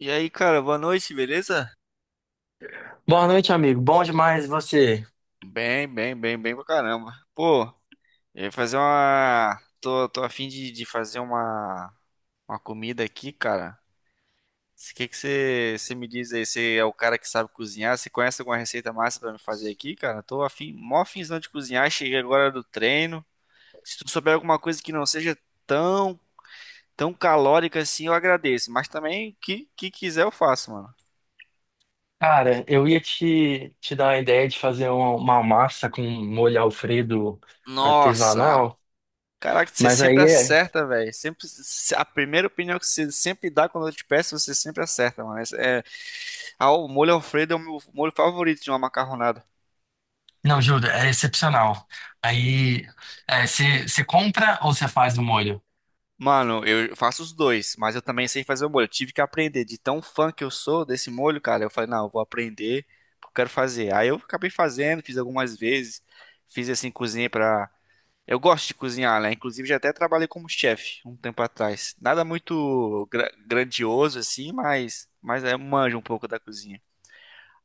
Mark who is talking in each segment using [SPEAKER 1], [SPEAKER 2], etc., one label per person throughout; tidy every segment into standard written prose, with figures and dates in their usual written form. [SPEAKER 1] E aí, cara, boa noite, beleza?
[SPEAKER 2] Boa noite, amigo. Bom demais você.
[SPEAKER 1] Bem, bem, bem, bem pra caramba. Pô, eu ia fazer uma. Tô a fim de fazer uma comida aqui, cara. O que que você me diz aí? Você é o cara que sabe cozinhar? Você conhece alguma receita massa pra me fazer aqui, cara? Tô afim, mó afinzão de cozinhar. Cheguei agora do treino. Se tu souber alguma coisa que não seja tão, tão calórica assim, eu agradeço. Mas também, o que quiser eu faço, mano.
[SPEAKER 2] Cara, eu ia te dar a ideia de fazer uma massa com molho Alfredo
[SPEAKER 1] Nossa, mano.
[SPEAKER 2] artesanal,
[SPEAKER 1] Caraca, você
[SPEAKER 2] mas
[SPEAKER 1] sempre
[SPEAKER 2] aí é.
[SPEAKER 1] acerta, velho. Sempre se- A primeira opinião que você sempre dá quando eu te peço, você sempre acerta, mano. O molho Alfredo é o meu molho favorito de uma macarronada.
[SPEAKER 2] Não, juro, é excepcional. Aí, você compra ou você faz o molho?
[SPEAKER 1] Mano, eu faço os dois, mas eu também sei fazer o molho. Eu tive que aprender de tão fã que eu sou desse molho, cara. Eu falei, não, eu vou aprender, porque eu quero fazer. Aí eu acabei fazendo, fiz algumas vezes, fiz assim cozinhei pra eu gosto de cozinhar, né? Inclusive já até trabalhei como chefe um tempo atrás. Nada muito grandioso assim, mas é manjo um pouco da cozinha.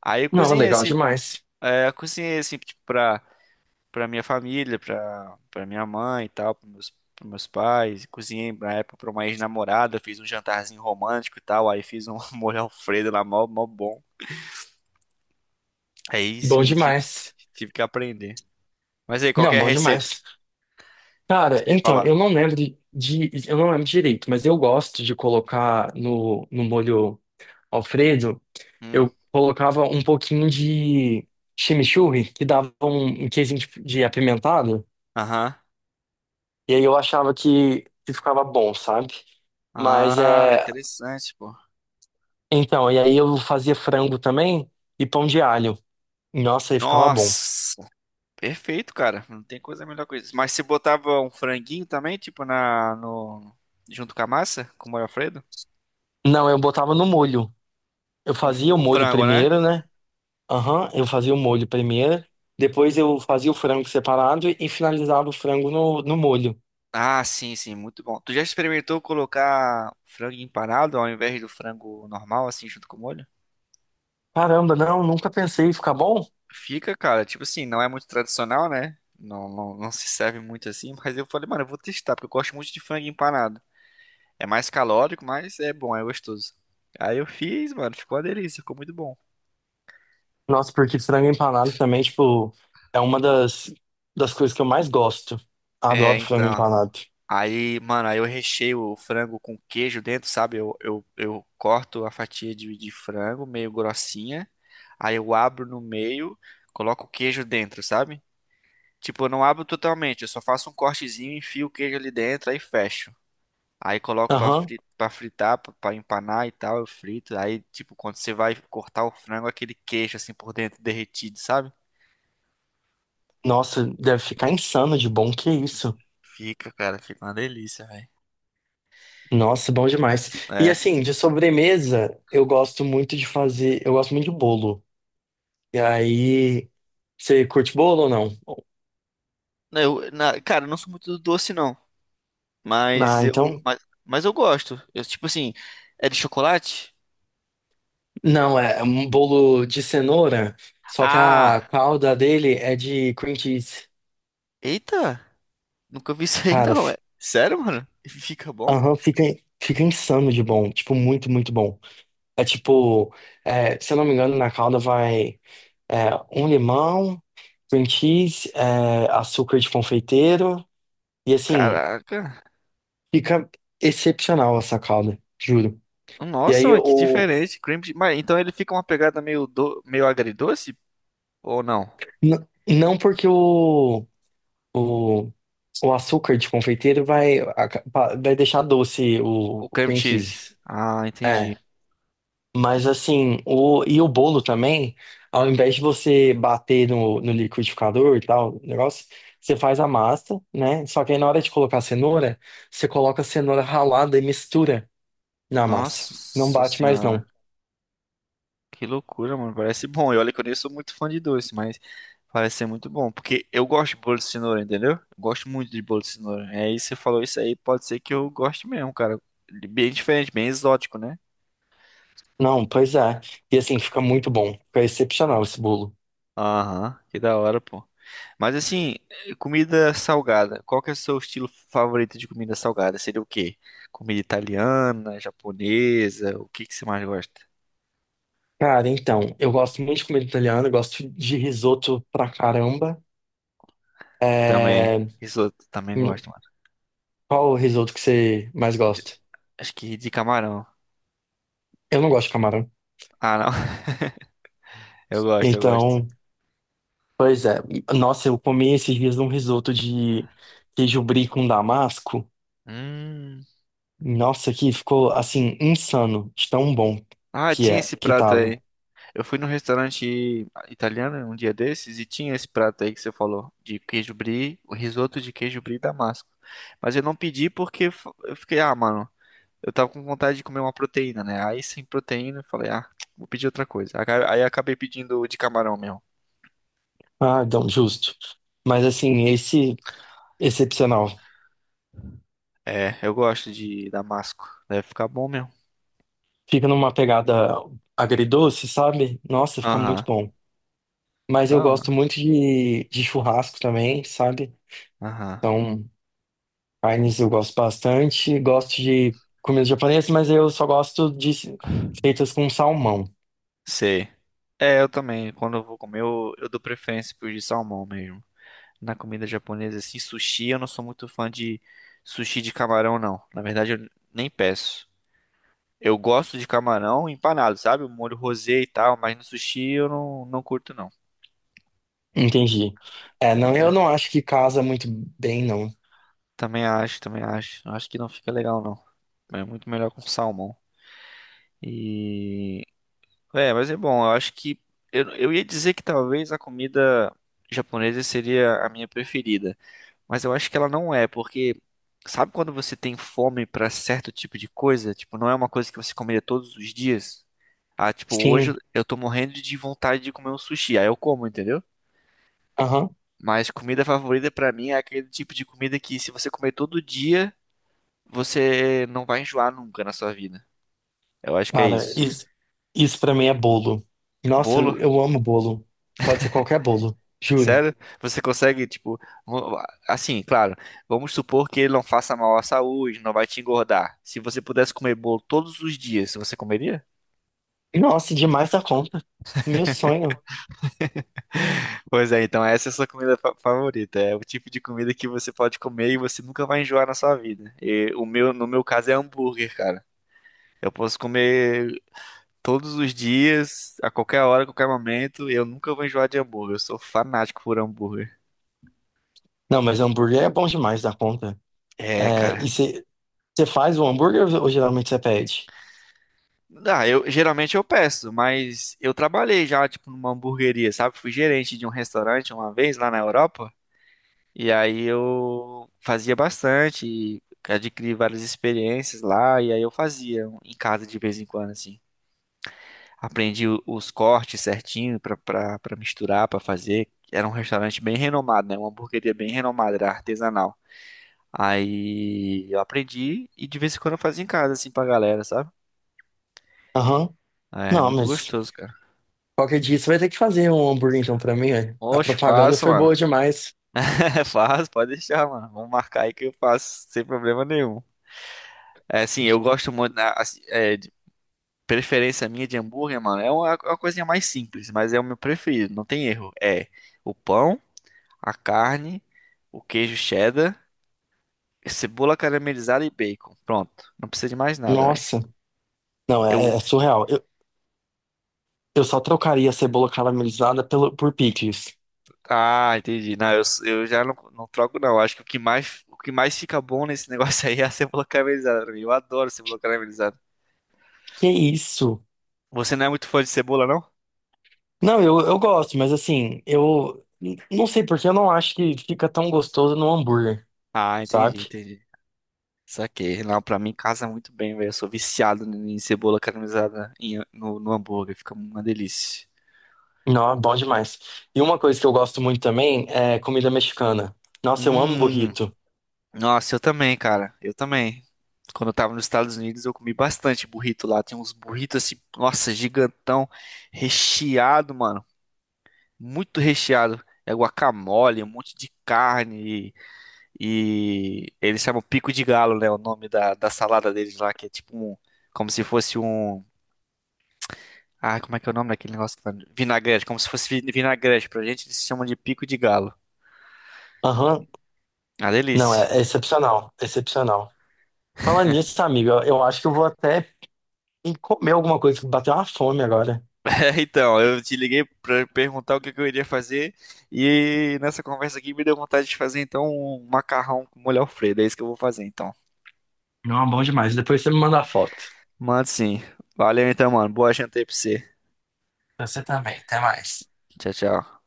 [SPEAKER 1] Aí eu
[SPEAKER 2] Não,
[SPEAKER 1] cozinhei
[SPEAKER 2] legal
[SPEAKER 1] assim,
[SPEAKER 2] demais.
[SPEAKER 1] é, eu cozinhei assim tipo, pra para minha família, pra para minha mãe e tal, para meus pros meus pais. Cozinhei na época pra uma ex-namorada, fiz um jantarzinho romântico e tal, aí fiz um molho Alfredo lá mó mó bom. Aí
[SPEAKER 2] Bom
[SPEAKER 1] sim, tive,
[SPEAKER 2] demais.
[SPEAKER 1] tive que aprender. Mas aí
[SPEAKER 2] Não,
[SPEAKER 1] qualquer
[SPEAKER 2] bom
[SPEAKER 1] receita
[SPEAKER 2] demais.
[SPEAKER 1] que
[SPEAKER 2] Cara,
[SPEAKER 1] você ia
[SPEAKER 2] então,
[SPEAKER 1] falar.
[SPEAKER 2] eu não lembro direito, mas eu gosto de colocar no molho Alfredo.
[SPEAKER 1] Hum.
[SPEAKER 2] Eu colocava um pouquinho de chimichurri, que dava um queijinho de apimentado,
[SPEAKER 1] Aham.
[SPEAKER 2] e aí eu achava que ficava bom, sabe? Mas
[SPEAKER 1] Ah,
[SPEAKER 2] é.
[SPEAKER 1] interessante, pô.
[SPEAKER 2] Então, e aí eu fazia frango também e pão de alho. Nossa, aí ficava bom.
[SPEAKER 1] Nossa, perfeito, cara. Não tem coisa melhor que isso. Mas se botava um franguinho também, tipo na no junto com a massa, com o molho Alfredo?
[SPEAKER 2] Não, eu botava no molho. Eu
[SPEAKER 1] Um
[SPEAKER 2] fazia o
[SPEAKER 1] o
[SPEAKER 2] molho
[SPEAKER 1] frango, né?
[SPEAKER 2] primeiro, né? Aham, eu fazia o molho primeiro. Depois eu fazia o frango separado e finalizava o frango no molho.
[SPEAKER 1] Ah, sim, sim, muito bom. Tu já experimentou colocar frango empanado ao invés do frango normal, assim, junto com o molho?
[SPEAKER 2] Caramba, não, nunca pensei em ficar bom.
[SPEAKER 1] Fica, cara, tipo assim, não é muito tradicional, né? Não, não, não se serve muito assim, mas eu falei, mano, eu vou testar, porque eu gosto muito de frango empanado. É mais calórico, mas é bom, é gostoso. Aí eu fiz, mano, ficou uma delícia, ficou muito bom.
[SPEAKER 2] Nossa, porque frango empanado também, tipo, é uma das coisas que eu mais gosto.
[SPEAKER 1] É,
[SPEAKER 2] Adoro frango
[SPEAKER 1] então.
[SPEAKER 2] empanado.
[SPEAKER 1] Aí, mano, aí eu recheio o frango com queijo dentro, sabe? Eu corto a fatia de frango meio grossinha, aí eu abro no meio, coloco o queijo dentro, sabe? Tipo, eu não abro totalmente, eu só faço um cortezinho, enfio o queijo ali dentro, aí fecho. Aí coloco
[SPEAKER 2] Aham.
[SPEAKER 1] pra fritar, pra empanar e tal, eu frito. Aí, tipo, quando você vai cortar o frango, aquele queijo assim por dentro derretido, sabe?
[SPEAKER 2] Nossa, deve ficar insano de bom, que isso.
[SPEAKER 1] Fica, cara, fica uma delícia, velho.
[SPEAKER 2] Nossa, bom demais. E
[SPEAKER 1] É.
[SPEAKER 2] assim, de sobremesa, eu gosto muito de bolo. E aí, você curte bolo ou não?
[SPEAKER 1] Não, cara, eu não sou muito do doce, não.
[SPEAKER 2] Ah,
[SPEAKER 1] Mas eu,
[SPEAKER 2] então,
[SPEAKER 1] mas, mas eu gosto. Eu, tipo assim, é de chocolate?
[SPEAKER 2] não, é um bolo de cenoura, só que a
[SPEAKER 1] Ah,
[SPEAKER 2] calda dele é de cream cheese.
[SPEAKER 1] eita, nunca vi isso aí
[SPEAKER 2] Cara,
[SPEAKER 1] não,
[SPEAKER 2] f-
[SPEAKER 1] é. Sério, mano? E fica bom?
[SPEAKER 2] aham, fica, fica insano de bom, tipo, muito, muito bom. É tipo, é, se eu não me engano, na calda vai é, um limão, cream cheese, é, açúcar de confeiteiro. E assim,
[SPEAKER 1] Caraca.
[SPEAKER 2] fica excepcional essa calda, juro. E
[SPEAKER 1] Nossa,
[SPEAKER 2] aí,
[SPEAKER 1] mano, que diferente. Cream cheese. Mas então ele fica uma pegada meio meio agridoce ou não?
[SPEAKER 2] não porque o, o açúcar de confeiteiro vai, vai deixar doce o,
[SPEAKER 1] O
[SPEAKER 2] o
[SPEAKER 1] cream
[SPEAKER 2] cream
[SPEAKER 1] cheese.
[SPEAKER 2] cheese.
[SPEAKER 1] Ah,
[SPEAKER 2] É.
[SPEAKER 1] entendi.
[SPEAKER 2] Mas assim, e o bolo também, ao invés de você bater no liquidificador e tal, o negócio, você faz a massa, né? Só que aí na hora de colocar a cenoura, você coloca a cenoura ralada e mistura na massa. Não
[SPEAKER 1] Nossa
[SPEAKER 2] bate mais não.
[SPEAKER 1] senhora. Que loucura, mano. Parece bom. E olha que eu nem sou muito fã de doce, mas parece ser muito bom. Porque eu gosto de bolo de cenoura, entendeu? Eu gosto muito de bolo de cenoura. É isso, você falou isso aí, pode ser que eu goste mesmo, cara. Bem diferente, bem exótico, né?
[SPEAKER 2] Não, pois é. E assim, fica muito bom. Fica excepcional esse bolo.
[SPEAKER 1] Aham, que da hora, pô. Mas assim, comida salgada. Qual que é o seu estilo favorito de comida salgada? Seria o quê? Comida italiana, japonesa? O que que você mais gosta?
[SPEAKER 2] Cara, então, eu gosto muito de comida italiana, eu gosto de risoto pra caramba.
[SPEAKER 1] Também.
[SPEAKER 2] É...
[SPEAKER 1] Risoto, também
[SPEAKER 2] hum,
[SPEAKER 1] gosto, mano.
[SPEAKER 2] qual o risoto que você mais gosta?
[SPEAKER 1] Acho que de camarão.
[SPEAKER 2] Eu não gosto de camarão.
[SPEAKER 1] Ah, não. Eu gosto.
[SPEAKER 2] Então. Pois é. Nossa, eu comi esses dias um risoto de queijo brie com damasco.
[SPEAKER 1] Hum.
[SPEAKER 2] Nossa, que ficou assim insano, de tão bom
[SPEAKER 1] Ah,
[SPEAKER 2] que
[SPEAKER 1] tinha
[SPEAKER 2] é,
[SPEAKER 1] esse
[SPEAKER 2] que
[SPEAKER 1] prato
[SPEAKER 2] tava.
[SPEAKER 1] aí. Eu fui num restaurante italiano um dia desses e tinha esse prato aí que você falou, de queijo brie, o risoto de queijo brie damasco. Mas eu não pedi porque eu fiquei, ah, mano, eu tava com vontade de comer uma proteína, né? Aí sem proteína eu falei, ah, vou pedir outra coisa. Aí eu acabei pedindo de camarão mesmo.
[SPEAKER 2] Ah, não, justo. Mas assim, esse excepcional.
[SPEAKER 1] É, eu gosto de damasco. Deve ficar bom mesmo.
[SPEAKER 2] Fica numa pegada agridoce, sabe? Nossa, fica muito
[SPEAKER 1] Aham.
[SPEAKER 2] bom. Mas eu
[SPEAKER 1] Da hora.
[SPEAKER 2] gosto muito de churrasco também, sabe?
[SPEAKER 1] Aham.
[SPEAKER 2] Então, carnes eu gosto bastante. Gosto de comida japonesa, mas eu só gosto de feitas com salmão.
[SPEAKER 1] Sei. É, eu também. Quando eu vou comer, eu dou preferência pro de salmão mesmo. Na comida japonesa, assim, sushi, eu não sou muito fã de sushi de camarão, não. Na verdade, eu nem peço. Eu gosto de camarão empanado, sabe? O molho rosé e tal, mas no sushi eu não, não curto, não.
[SPEAKER 2] Entendi. É, não, eu não acho que casa muito bem, não.
[SPEAKER 1] Também acho, também acho. Acho que não fica legal, não. É muito melhor com salmão. E. É, mas é bom, eu acho que. Eu ia dizer que talvez a comida japonesa seria a minha preferida. Mas eu acho que ela não é, porque sabe quando você tem fome pra certo tipo de coisa? Tipo, não é uma coisa que você comeria todos os dias. Ah, tipo, hoje
[SPEAKER 2] Sim,
[SPEAKER 1] eu tô morrendo de vontade de comer um sushi, aí eu como, entendeu?
[SPEAKER 2] aham.
[SPEAKER 1] Mas comida favorita pra mim é aquele tipo de comida que se você comer todo dia, você não vai enjoar nunca na sua vida. Eu acho que é
[SPEAKER 2] Cara,
[SPEAKER 1] isso.
[SPEAKER 2] isso pra mim é bolo. Nossa,
[SPEAKER 1] Bolo?
[SPEAKER 2] eu amo bolo. Pode ser qualquer bolo, juro.
[SPEAKER 1] Sério? Você consegue, tipo, vo- assim, claro, vamos supor que ele não faça mal à saúde, não vai te engordar. Se você pudesse comer bolo todos os dias, você comeria?
[SPEAKER 2] Nossa, demais da conta. Meu sonho.
[SPEAKER 1] Pois é, então essa é a sua comida favorita. É o tipo de comida que você pode comer e você nunca vai enjoar na sua vida. E o meu, no meu caso, é hambúrguer, cara. Eu posso comer todos os dias, a qualquer hora, a qualquer momento, e eu nunca vou enjoar de hambúrguer. Eu sou fanático por hambúrguer.
[SPEAKER 2] Não, mas hambúrguer é bom demais da conta.
[SPEAKER 1] É,
[SPEAKER 2] É, e
[SPEAKER 1] cara.
[SPEAKER 2] você faz o hambúrguer ou geralmente você pede?
[SPEAKER 1] Ah, eu geralmente eu peço, mas eu trabalhei já, tipo, numa hamburgueria, sabe? Fui gerente de um restaurante uma vez lá na Europa. E aí eu fazia bastante, e adquiri várias experiências lá, e aí eu fazia um, em casa de vez em quando, assim. Aprendi os cortes certinho pra, pra, pra misturar, pra fazer. Era um restaurante bem renomado, né? Uma hamburgueria bem renomada, era artesanal. Aí eu aprendi e de vez em quando eu fazia em casa, assim, pra galera, sabe?
[SPEAKER 2] Aham.
[SPEAKER 1] É
[SPEAKER 2] Não,
[SPEAKER 1] muito
[SPEAKER 2] mas
[SPEAKER 1] gostoso, cara.
[SPEAKER 2] qualquer dia você vai ter que fazer um hambúrguer então pra mim, velho. A
[SPEAKER 1] Oxe,
[SPEAKER 2] propaganda
[SPEAKER 1] faço,
[SPEAKER 2] foi
[SPEAKER 1] mano.
[SPEAKER 2] boa demais.
[SPEAKER 1] É, faço, pode deixar, mano. Vamos marcar aí que eu faço sem problema nenhum. É, assim, eu gosto muito, né, assim, é, preferência minha de hambúrguer, mano, é uma coisinha mais simples, mas é o meu preferido, não tem erro. É o pão, a carne, o queijo cheddar, cebola caramelizada e bacon. Pronto, não precisa de mais nada, velho.
[SPEAKER 2] Nossa. Não, é,
[SPEAKER 1] Eu,
[SPEAKER 2] é é surreal. Eu só trocaria a cebola caramelizada por picles.
[SPEAKER 1] Entendi. Não, eu já não troco não. Acho que o que mais fica bom nesse negócio aí é a cebola caramelizada pra mim. Eu adoro cebola caramelizada.
[SPEAKER 2] Que isso?
[SPEAKER 1] Você não é muito fã de cebola, não?
[SPEAKER 2] Não, eu gosto, mas assim, não sei porque eu não acho que fica tão gostoso no hambúrguer,
[SPEAKER 1] Ah, entendi,
[SPEAKER 2] sabe?
[SPEAKER 1] entendi. Saquei. Não, pra mim casa muito bem, velho. Eu sou viciado em cebola caramelizada no, no hambúrguer. Fica uma delícia.
[SPEAKER 2] Não, é bom demais. E uma coisa que eu gosto muito também é comida mexicana. Nossa, eu amo
[SPEAKER 1] Hum,
[SPEAKER 2] burrito.
[SPEAKER 1] nossa, eu também, cara. Eu também. Quando eu tava nos Estados Unidos, eu comi bastante burrito lá. Tem uns burritos assim, nossa, gigantão, recheado, mano. Muito recheado. É guacamole, um monte de carne. E eles chamam pico de galo, né? O nome da salada deles lá, que é tipo um. Como se fosse um. Ah, como é que é o nome daquele negócio? Vinagrete, como se fosse vinagrete. Pra gente, eles chamam de pico de galo.
[SPEAKER 2] Aham.
[SPEAKER 1] Ah,
[SPEAKER 2] Não,
[SPEAKER 1] delícia.
[SPEAKER 2] é excepcional, excepcional. Falando nisso, amigo, eu acho que eu vou até comer alguma coisa que bateu uma fome agora.
[SPEAKER 1] É, então, eu te liguei pra perguntar o que que eu iria fazer e nessa conversa aqui me deu vontade de fazer então um macarrão com molho Alfredo. É isso que eu vou fazer então.
[SPEAKER 2] Não, bom demais. Depois você me manda a foto.
[SPEAKER 1] Mano, sim. Valeu então, mano. Boa janta aí pra você.
[SPEAKER 2] Você também, até mais.
[SPEAKER 1] Tchau, tchau.